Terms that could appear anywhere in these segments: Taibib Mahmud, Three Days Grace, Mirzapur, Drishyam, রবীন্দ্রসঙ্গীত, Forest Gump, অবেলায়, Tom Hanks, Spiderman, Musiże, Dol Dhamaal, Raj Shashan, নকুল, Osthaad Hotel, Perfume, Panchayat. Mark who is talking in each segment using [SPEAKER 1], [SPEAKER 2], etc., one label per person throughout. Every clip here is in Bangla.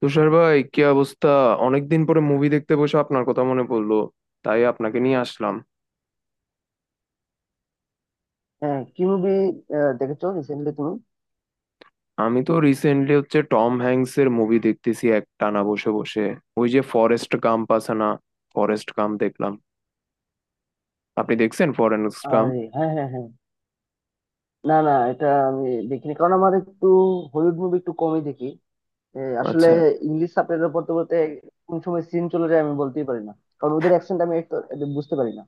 [SPEAKER 1] তুষার ভাই কি অবস্থা? অনেকদিন পরে মুভি দেখতে বসে আপনার কথা মনে পড়লো, তাই আপনাকে নিয়ে আসলাম।
[SPEAKER 2] হ্যাঁ, কি মুভি দেখেছো রিসেন্টলি তুমি?
[SPEAKER 1] আমি তো রিসেন্টলি টম হ্যাংস এর মুভি দেখতেছি এক টানা বসে বসে। ওই যে ফরেস্ট গাম্প আছে না, ফরেস্ট গাম্প দেখলাম। আপনি দেখছেন ফরেস্ট গাম্প?
[SPEAKER 2] আর হ্যাঁ হ্যাঁ হ্যাঁ, না না এটা আমি দেখিনি কারণ আমার একটু হলিউড মুভি একটু কমই দেখি। আসলে
[SPEAKER 1] আচ্ছা।
[SPEAKER 2] ইংলিশ সাবটাইটেল পড়তে পড়তে কোন সময় সিন চলে যায় আমি বলতেই পারি না, কারণ ওদের অ্যাকসেন্ট আমি একটু একটু বুঝতে পারি না।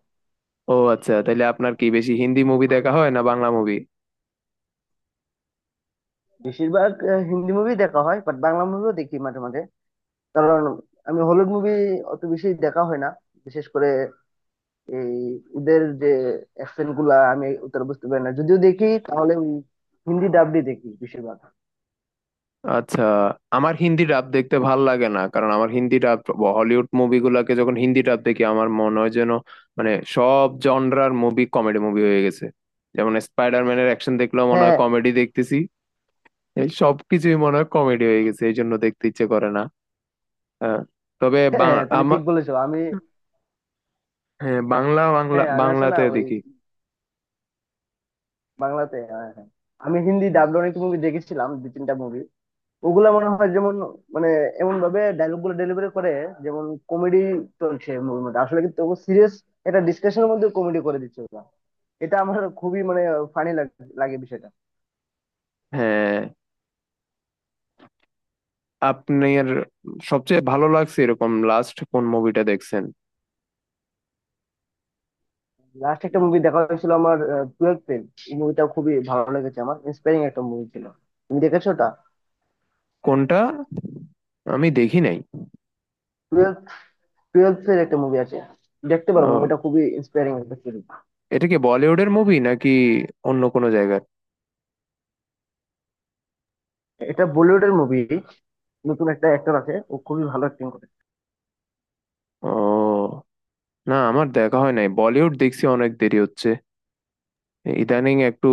[SPEAKER 1] ও আচ্ছা, তাহলে আপনার কি বেশি হিন্দি মুভি দেখা হয় না বাংলা মুভি?
[SPEAKER 2] বেশিরভাগ হিন্দি মুভি দেখা হয়, বাট বাংলা মুভিও দেখি মাঝে মাঝে। কারণ আমি হলিউড মুভি অত বেশি দেখা হয় না, বিশেষ করে এই ওদের যে অ্যাকসেন্ট গুলা আমি উত্তর বুঝতে পারি না, যদিও দেখি তাহলে ওই হিন্দি ডাবডি দেখি বেশিরভাগ।
[SPEAKER 1] আচ্ছা। আমার হিন্দি ডাব দেখতে ভাল লাগে না, কারণ আমার হিন্দি ডাব হলিউড মুভিগুলোকে যখন হিন্দি ডাব দেখি আমার মনে হয় যেন, মানে সব জনরার মুভি কমেডি মুভি হয়ে গেছে। যেমন স্পাইডারম্যানের অ্যাকশন দেখলেও মনে হয়
[SPEAKER 2] হ্যাঁ
[SPEAKER 1] কমেডি দেখতেছি। এই সবকিছুই মনে হয় কমেডি হয়ে গেছে, এই জন্য দেখতে ইচ্ছে করে না। হ্যাঁ, তবে
[SPEAKER 2] হ্যাঁ, তুমি
[SPEAKER 1] আমার,
[SPEAKER 2] ঠিক বলেছো। আমি,
[SPEAKER 1] হ্যাঁ, বাংলা বাংলা
[SPEAKER 2] হ্যাঁ আমি আসলে না
[SPEAKER 1] বাংলাতে
[SPEAKER 2] ওই
[SPEAKER 1] দেখি।
[SPEAKER 2] বাংলাতে, হ্যাঁ, হ্যাঁ। আমি হিন্দি ডাবড অনেক মুভি দেখেছিলাম, দু তিনটা মুভি। ওগুলা মনে হয় যেমন, মানে এমন ভাবে ডায়লগ গুলো ডেলিভারি করে, যেমন কমেডি চলছে মুভির মধ্যে, আসলে কিন্তু সিরিয়াস একটা ডিসকাশনের মধ্যে কমেডি করে দিচ্ছে ওরা। এটা আমার খুবই মানে ফানি লাগে বিষয়টা।
[SPEAKER 1] হ্যাঁ, আপনার সবচেয়ে ভালো লাগছে এরকম লাস্ট কোন মুভিটা দেখছেন?
[SPEAKER 2] লাস্ট একটা মুভি দেখা হয়েছিল আমার, টুয়েলভ ফেল। এই মুভিটা খুবই ভালো লেগেছে আমার, ইন্সপায়ারিং একটা মুভি ছিল। তুমি দেখেছো ওটা?
[SPEAKER 1] কোনটা? আমি দেখি নাই।
[SPEAKER 2] টুয়েলভ, টুয়েলভ ফেল একটা মুভি আছে, দেখতে পারো মুভিটা, খুবই ইন্সপায়ারিং একটা সিরিজ।
[SPEAKER 1] এটা কি বলিউডের মুভি নাকি অন্য কোনো জায়গার?
[SPEAKER 2] এটা বলিউডের মুভি, নতুন একটা অ্যাক্টর আছে, ও খুবই ভালো অ্যাক্টিং করে।
[SPEAKER 1] ও, না আমার দেখা হয় নাই, বলিউড দেখছি অনেক দেরি হচ্ছে। ইদানিং একটু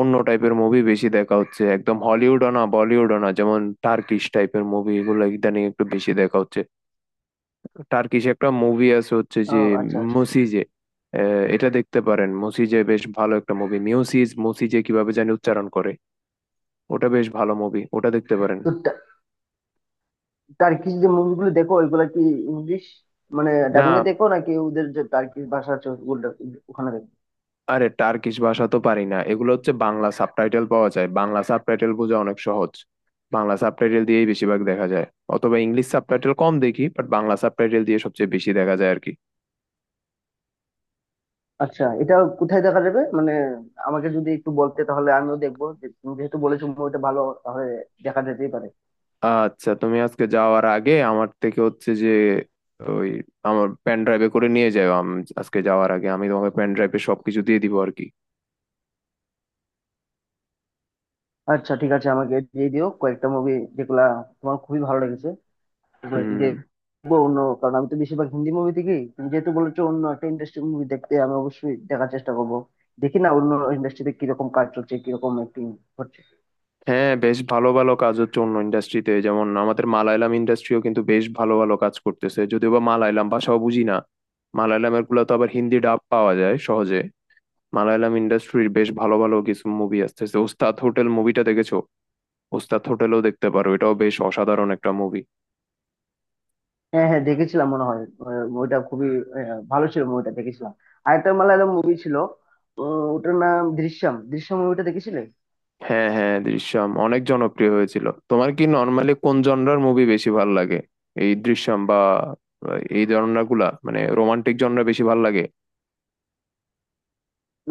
[SPEAKER 1] অন্য টাইপের মুভি বেশি দেখা হচ্ছে, একদম হলিউডও না বলিউডও না, যেমন টার্কিশ টাইপের মুভি এগুলো ইদানিং একটু বেশি দেখা হচ্ছে। টার্কিশ একটা মুভি আছে
[SPEAKER 2] ও
[SPEAKER 1] যে
[SPEAKER 2] আচ্ছা আচ্ছা,
[SPEAKER 1] মুসিজে, এটা দেখতে পারেন। মুসিজে বেশ ভালো একটা মুভি। মিউসিজ, মুসিজে, কিভাবে জানি উচ্চারণ করে। ওটা বেশ ভালো মুভি, ওটা দেখতে পারেন।
[SPEAKER 2] তো টা- টার্কিশ যে মুভিগুলো দেখো ওইগুলা কি ইংলিশ মানে
[SPEAKER 1] না,
[SPEAKER 2] ডাবিং এ দেখো, নাকি ওদের যে টার্কিশ ভাষা আছে ওগুলো ওখানে দেখো?
[SPEAKER 1] আরে টার্কিশ ভাষা তো পারি না, এগুলো বাংলা সাবটাইটেল পাওয়া যায়, বাংলা সাবটাইটেল বোঝা অনেক সহজ। বাংলা সাবটাইটেল দিয়েই বেশিরভাগ দেখা যায়। অথবা ইংলিশ সাবটাইটেল কম দেখি, বাট বাংলা সাবটাইটেল দিয়ে সবচেয়ে বেশি দেখা যায় আর কি।
[SPEAKER 2] আচ্ছা এটা কোথায় দেখা যাবে মানে, আমাকে যদি একটু বলতে তাহলে আমিও দেখবো। যে তুমি যেহেতু বলেছো মুভিটা ভালো, তাহলে দেখা যেতেই পারে।
[SPEAKER 1] আচ্ছা তুমি আজকে যাওয়ার আগে আমার থেকে হচ্ছে যে ওই আমার পেন ড্রাইভে করে নিয়ে যাও। আজকে যাওয়ার আগে আমি তোমাকে পেন ড্রাইভে সবকিছু দিয়ে দিব আর কি।
[SPEAKER 2] আচ্ছা ঠিক আছে, আমাকে দিয়ে দিও কয়েকটা মুভি যেগুলা তোমার খুবই ভালো লেগেছে। এগুলো তো
[SPEAKER 1] হুম।
[SPEAKER 2] দেখবো অন্য, কারণ আমি তো বেশিরভাগ হিন্দি মুভি দেখি, তুমি যেহেতু বলেছো অন্য একটা ইন্ডাস্ট্রির মুভি দেখতে, আমি অবশ্যই দেখার চেষ্টা করবো। দেখি না অন্য ইন্ডাস্ট্রিতে কিরকম কাজ চলছে, কিরকম অ্যাক্টিং হচ্ছে।
[SPEAKER 1] হ্যাঁ বেশ ভালো ভালো কাজ হচ্ছে অন্য ইন্ডাস্ট্রিতে, যেমন আমাদের মালায়ালাম ইন্ডাস্ট্রিও কিন্তু বেশ ভালো ভালো কাজ করতেছে, যদিও বা মালায়ালাম ভাষাও বুঝি না। মালায়ালামের গুলো তো আবার হিন্দি ডাব পাওয়া যায় সহজে। মালায়ালাম ইন্ডাস্ট্রির বেশ ভালো ভালো কিছু মুভি আসতেছে। ওস্তাদ হোটেল মুভিটা দেখেছো? ওস্তাদ হোটেলও দেখতে পারো, এটাও বেশ অসাধারণ একটা মুভি।
[SPEAKER 2] হ্যাঁ হ্যাঁ, দেখেছিলাম মনে হয়। ওইটা খুবই ভালো ছিল, মুভিটা দেখেছিলাম। আরেকটা মালায়ালাম মুভি ছিল, ওটার নাম দৃশ্যম। দৃশ্যম মুভিটা দেখেছিলে?
[SPEAKER 1] হ্যাঁ হ্যাঁ, দৃশ্যম অনেক জনপ্রিয় হয়েছিল। তোমার কি নর্মালি কোন জনরার মুভি বেশি ভালো লাগে? এই দৃশ্যম বা এই জনরা গুলা, মানে রোমান্টিক জনরা বেশি ভালো লাগে?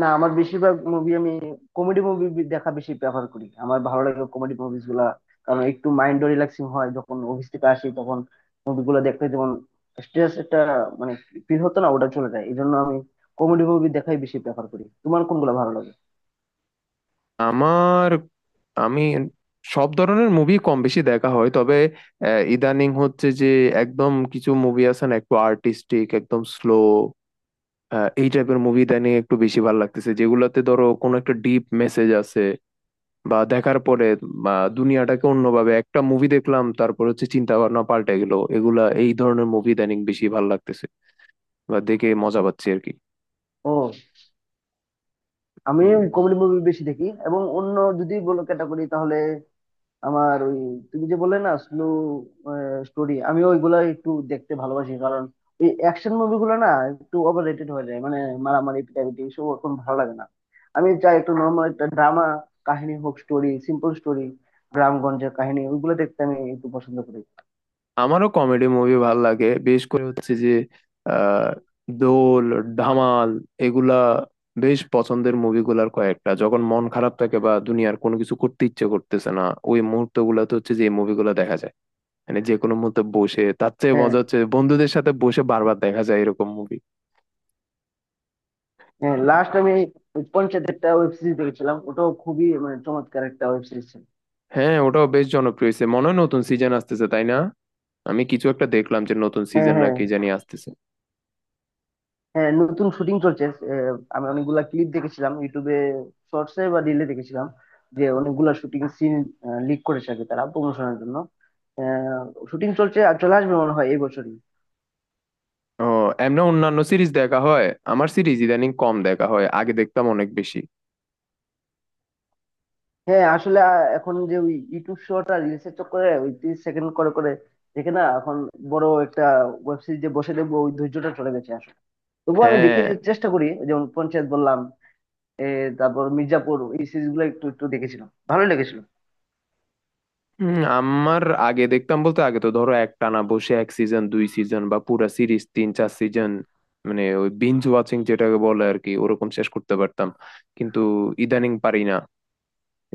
[SPEAKER 2] না, আমার বেশিরভাগ মুভি আমি কমেডি মুভি দেখা বেশি প্রেফার করি, আমার ভালো লাগে কমেডি মুভিস গুলা। কারণ একটু মাইন্ড রিল্যাক্সিং হয়, যখন অফিস থেকে আসি তখন মুভিগুলো দেখতে যেমন স্ট্রেস একটা মানে ফিল হতো না, ওটা চলে যায়। এই জন্য আমি কমেডি মুভি দেখাই বেশি প্রেফার করি। তোমার কোনগুলো ভালো লাগে?
[SPEAKER 1] আমার, আমি সব ধরনের মুভি কম বেশি দেখা হয়, তবে ইদানিং হচ্ছে যে একদম কিছু মুভি আছে না, একটু আর্টিস্টিক একদম স্লো, এই টাইপের মুভি ইদানিং একটু বেশি ভালো লাগতেছে, যেগুলোতে ধরো কোনো একটা ডিপ মেসেজ আছে। বা দেখার পরে, বা দুনিয়াটাকে অন্যভাবে একটা মুভি দেখলাম, তারপর চিন্তা ভাবনা পাল্টে গেল, এগুলা এই ধরনের মুভি ইদানিং বেশি ভালো লাগতেছে। বা দেখে মজা পাচ্ছি আর কি।
[SPEAKER 2] ও, আমি
[SPEAKER 1] হুম।
[SPEAKER 2] কমেডি মুভি বেশি দেখি, এবং অন্য যদি বলো ক্যাটাগরি তাহলে আমার ওই তুমি যে বললে না স্লো স্টোরি, আমি ওইগুলা একটু দেখতে ভালোবাসি। কারণ ওই অ্যাকশন মুভিগুলো না একটু ওভার রেটেড হয়ে যায় মানে মারামারি পিটাপিটি এসব এখন ভালো লাগে না। আমি চাই একটু নর্মাল একটা ড্রামা কাহিনী হোক, স্টোরি, সিম্পল স্টোরি, গ্রামগঞ্জের কাহিনী ওইগুলো দেখতে আমি একটু পছন্দ করি।
[SPEAKER 1] আমারও কমেডি মুভি ভাল লাগে, বেশ করে হচ্ছে যে আহ দোল, ধামাল, এগুলা বেশ পছন্দের মুভিগুলার কয়েকটা। যখন মন খারাপ থাকে বা দুনিয়ার কোনো কিছু করতে ইচ্ছে করতেছে না, ওই মুহূর্ত গুলাতে হচ্ছে যে এই মুভিগুলো দেখা যায়। মানে যে কোনো মুহূর্তে বসে, তার চেয়ে
[SPEAKER 2] হ্যাঁ
[SPEAKER 1] মজা বন্ধুদের সাথে বসে বারবার দেখা যায় এরকম মুভি।
[SPEAKER 2] হ্যাঁ, লাস্ট আমি ওই পঞ্চায়েত একটা ওয়েব সিরিজ দেখেছিলাম, ওটাও খুবই মানে চমৎকার একটা ওয়েব সিরিজ ছিল।
[SPEAKER 1] হ্যাঁ, ওটাও বেশ জনপ্রিয় হয়েছে, মনে হয় নতুন সিজন আসতেছে তাই না? আমি কিছু একটা দেখলাম যে নতুন
[SPEAKER 2] হ্যাঁ
[SPEAKER 1] সিজন না
[SPEAKER 2] হ্যাঁ
[SPEAKER 1] কি জানি আসতেছে।
[SPEAKER 2] হ্যাঁ, নতুন শুটিং চলছে। আমি অনেকগুলা ক্লিপ দেখেছিলাম ইউটিউবে, শর্টসে বা রিলে দেখেছিলাম যে অনেকগুলা শুটিং সিন লিক করেছে আর কি, তারা প্রমোশনের জন্য। শুটিং চলছে, আর চলে আসবে মনে হয় এই বছরই।
[SPEAKER 1] ও, এমনি অন্যান্য সিরিজ দেখা হয়? আমার সিরিজ ইদানিং কম দেখা হয়, আগে দেখতাম অনেক বেশি।
[SPEAKER 2] হ্যাঁ আসলে এখন যে ওই ইউটিউব শর্ট আর রিলসের চক্করে ওই 30 সেকেন্ড করে করে দেখে না এখন বড় একটা ওয়েব সিরিজ যে বসে দেখবো, ওই ধৈর্যটা চলে গেছে আসলে। তবুও আমি দেখে
[SPEAKER 1] হ্যাঁ।
[SPEAKER 2] চেষ্টা করি, যেমন পঞ্চায়েত বললাম, এ, তারপর মির্জাপুর এই সিরিজ গুলো একটু একটু দেখেছিলাম, ভালো লেগেছিল।
[SPEAKER 1] আমার, আগে দেখতাম বলতে আগে তো ধরো একটানা বসে এক সিজন দুই সিজন বা পুরা সিরিজ তিন চার সিজন, মানে ওই বিঞ্জ ওয়াচিং যেটাকে বলে আর কি, ওরকম শেষ করতে পারতাম। কিন্তু ইদানিং পারি না।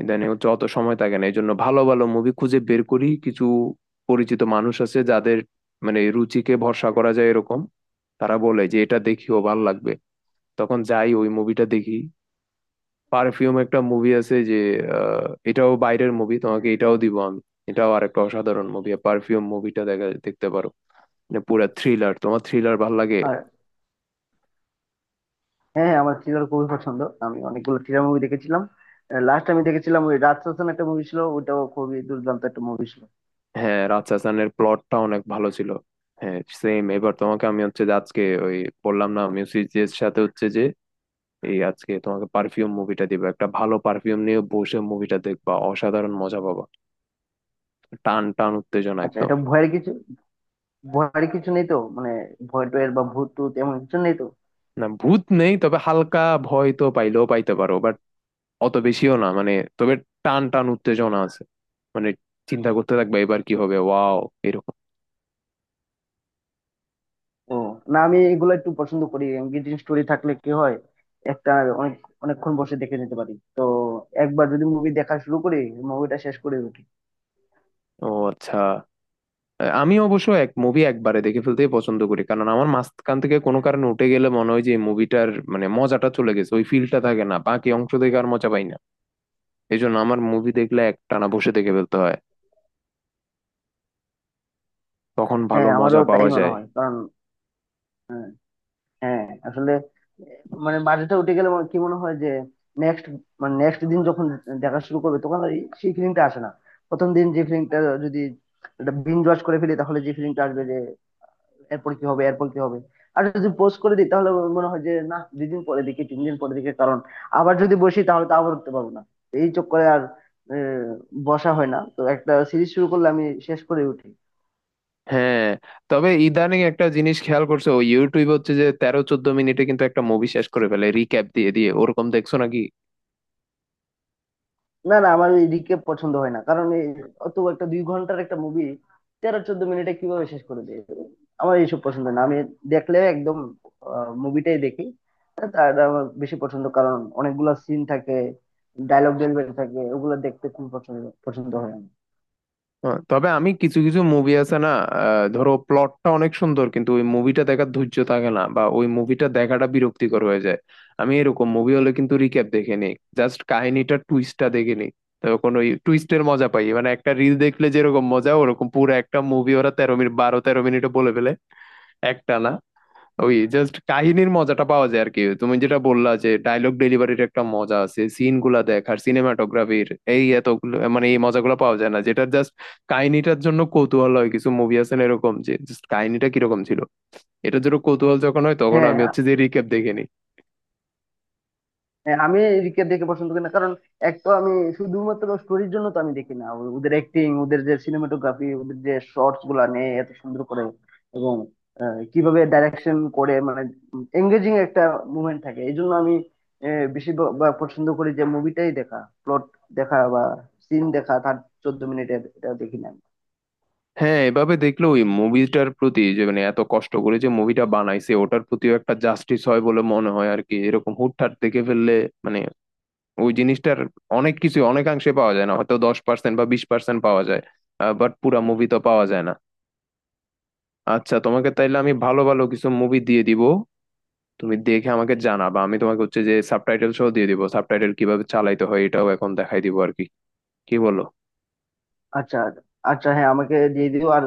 [SPEAKER 1] ইদানিং অত সময় থাকে না, এই জন্য ভালো ভালো মুভি খুঁজে বের করি। কিছু পরিচিত মানুষ আছে যাদের, মানে রুচিকে ভরসা করা যায় এরকম, তারা বলে যে এটা দেখিও ভাল লাগবে, তখন যাই ওই মুভিটা দেখি। পারফিউম একটা মুভি আছে যে, এটাও বাইরের মুভি, তোমাকে এটাও দিব আমি। এটাও আরেকটা অসাধারণ মুভি, পারফিউম মুভিটা দেখতে পারো। মানে পুরা থ্রিলার। তোমার থ্রিলার ভাল লাগে?
[SPEAKER 2] আর হ্যাঁ হ্যাঁ, আমার থ্রিলার খুবই পছন্দ, আমি অনেকগুলো থ্রিলার মুভি দেখেছিলাম। লাস্ট আমি দেখেছিলাম ওই রাজ শাসন একটা মুভি ছিল, ওটাও খুবই দুর্দান্ত একটা মুভি ছিল।
[SPEAKER 1] হ্যাঁ, রাজশাসনের প্লটটা অনেক ভালো ছিল। হ্যাঁ সেম। এবার তোমাকে আমি হচ্ছে যে আজকে, ওই বললাম না মিউজিকের সাথে হচ্ছে যে এই আজকে তোমাকে পারফিউম মুভিটা দিব। একটা ভালো পারফিউম নিয়ে বসে মুভিটা দেখবা, অসাধারণ মজা পাবা। টান টান উত্তেজনা
[SPEAKER 2] আচ্ছা
[SPEAKER 1] একদম।
[SPEAKER 2] এটা ভয়ের কিছু, ভয়ের কিছু নেই তো মানে ভয় টয়ের বা ভূত টুত এমন কিছু নেই তো?
[SPEAKER 1] না ভূত নেই, তবে হালকা ভয় তো পাইলেও পাইতে পারো, অত বেশিও না মানে। তবে টান টান উত্তেজনা আছে, মানে চিন্তা করতে থাকবে এবার কি হবে, ওয়াও এরকম।
[SPEAKER 2] ও, না আমি এগুলো একটু পছন্দ করি এঙ্গেজিং স্টোরি থাকলে, কি হয় একটা অনেক অনেকক্ষণ বসে দেখে নিতে পারি তো। একবার যদি মুভি দেখা শুরু করি, মুভিটা শেষ করে উঠি।
[SPEAKER 1] ও আচ্ছা। আমি অবশ্য এক মুভি একবারে দেখে ফেলতেই পছন্দ করি, কারণ আমার মাঝখান থেকে কোনো কারণে উঠে গেলে মনে হয় যে মুভিটার মানে মজাটা চলে গেছে, ওই ফিলটা থাকে না, বাকি অংশ দেখে আর মজা পাই না। এই জন্য আমার মুভি দেখলে একটানা বসে দেখে ফেলতে হয়, তখন ভালো
[SPEAKER 2] হ্যাঁ
[SPEAKER 1] মজা
[SPEAKER 2] আমারও তাই
[SPEAKER 1] পাওয়া
[SPEAKER 2] মনে
[SPEAKER 1] যায়।
[SPEAKER 2] হয়, কারণ হ্যাঁ আসলে মানে বাজেটটা উঠে গেলে আমার কি মনে হয় যে নেক্সট মানে নেক্সট দিন যখন দেখা শুরু করবে তখন আর সেই ফিলিংটা আসে না। প্রথম দিন যে ফিলিংটা, যদি এটা বিঞ্জ ওয়াচ করে ফেলি তাহলে যে ফিলিংটা আসবে যে এরপর কি হবে, এরপর কি হবে। আর যদি পোস্ট করে দিই তাহলে মনে হয় যে না 2 দিন পরে দেখি, 3 দিন পরে দেখি, কারণ আবার যদি বসি তাহলে তো আবার উঠতে পারবো না। এই চক্করে আর আহ, বসা হয় না। তো একটা সিরিজ শুরু করলে আমি শেষ করে উঠি।
[SPEAKER 1] হ্যাঁ, তবে ইদানিং একটা জিনিস খেয়াল করছে ও, ইউটিউব হচ্ছে যে তেরো চোদ্দ মিনিটে কিন্তু একটা মুভি শেষ করে ফেলে রিক্যাপ দিয়ে দিয়ে, ওরকম দেখছো নাকি?
[SPEAKER 2] না না, আমার ওই রিকেপ পছন্দ হয় না, কারণ এই অত একটা 2 ঘন্টার একটা মুভি 13-14 মিনিটে কিভাবে শেষ করে দেয়, আমার এইসব পছন্দ না। আমি দেখলে একদম মুভিটাই দেখি, তার আমার বেশি পছন্দ, কারণ অনেকগুলা সিন থাকে, ডায়লগ ডেলিভারি থাকে, ওগুলো দেখতে খুব পছন্দ পছন্দ হয় আমার।
[SPEAKER 1] হ্যাঁ, তবে আমি কিছু কিছু মুভি আছে না, ধরো প্লটটা অনেক সুন্দর কিন্তু ওই মুভিটা দেখার ধৈর্য থাকে না বা ওই মুভিটা দেখাটা বিরক্তিকর হয়ে যায়, আমি এরকম মুভি হলে কিন্তু রিক্যাপ দেখে নিই। জাস্ট কাহিনীটা, টুইস্টটা দেখে নিই, তখন ওই টুইস্টের মজা পাই। মানে একটা রিল দেখলে যেরকম মজা, ওরকম পুরো একটা মুভি ওরা তেরো মিনিট, বারো তেরো মিনিটে বলে ফেলে একটা না। ওই জাস্ট কাহিনীর মজাটা পাওয়া যায় আর কি। তুমি যেটা বললা যে ডায়লগ ডেলিভারির একটা মজা আছে, সিন গুলা দেখ আর সিনেমাটোগ্রাফির, এই এতগুলো মানে এই মজাগুলো পাওয়া যায় না, যেটা জাস্ট কাহিনীটার জন্য কৌতূহল হয়। কিছু মুভি আছে না এরকম, যে জাস্ট কাহিনীটা কিরকম ছিল এটার জন্য কৌতূহল যখন হয়, তখন আমি
[SPEAKER 2] হ্যাঁ
[SPEAKER 1] হচ্ছে যে রিক্যাপ দেখে নিই।
[SPEAKER 2] হ্যাঁ, আমি রিকে দেখে পছন্দ করি না, কারণ এক তো আমি শুধুমাত্র স্টোরির জন্য তো আমি দেখি না, ওদের অ্যাক্টিং, ওদের যে সিনেমাটোগ্রাফি, ওদের যে শর্টস গুলা নেয় এত সুন্দর করে, এবং কিভাবে ডাইরেকশন করে মানে এঙ্গেজিং একটা মুভমেন্ট থাকে, এই জন্য আমি বেশি বা পছন্দ করি যে মুভিটাই দেখা, প্লট দেখা বা সিন দেখা, তার 14 মিনিটের এটা দেখি না।
[SPEAKER 1] হ্যাঁ, এভাবে দেখলে ওই মুভিটার প্রতি যে, মানে এত কষ্ট করে যে মুভিটা বানাইছে ওটার প্রতিও একটা জাস্টিস হয় বলে মনে হয় আর কি, এরকম হুটহাট দেখে ফেললে। মানে ওই জিনিসটার অনেক কিছু, অনেকাংশে পাওয়া যায় না, হয়তো 10% বা 20% পাওয়া যায়, বাট পুরা মুভি তো পাওয়া যায় না। আচ্ছা তোমাকে তাইলে আমি ভালো ভালো কিছু মুভি দিয়ে দিব, তুমি দেখে আমাকে জানাবা। আমি তোমাকে হচ্ছে যে সাবটাইটেল সহ দিয়ে দিব, সাবটাইটেল কিভাবে চালাইতে হয় এটাও এখন দেখাই দিব আর কি। কি বলো?
[SPEAKER 2] আচ্ছা আচ্ছা হ্যাঁ, আমাকে দিয়ে দিও। আর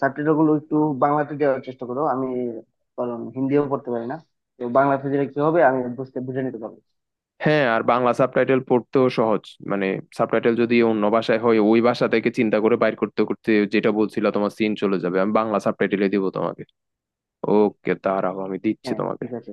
[SPEAKER 2] সাবটাইটেল গুলো একটু বাংলাতে দেওয়ার চেষ্টা করো, আমি কারণ হিন্দিও পড়তে পারি না, তো বাংলাতে দিলে কি হবে আমি বুঝে নিতে পারবো।
[SPEAKER 1] হ্যাঁ আর বাংলা সাবটাইটেল পড়তেও সহজ। মানে সাবটাইটেল যদি অন্য ভাষায় হয়, ওই ভাষা থেকে চিন্তা করে বাইর করতে করতে যেটা বলছিল তোমার সিন চলে যাবে। আমি বাংলা সাবটাইটেলে দিব তোমাকে। ওকে দাঁড়াও আমি দিচ্ছি
[SPEAKER 2] হ্যাঁ
[SPEAKER 1] তোমাকে।
[SPEAKER 2] ঠিক আছে।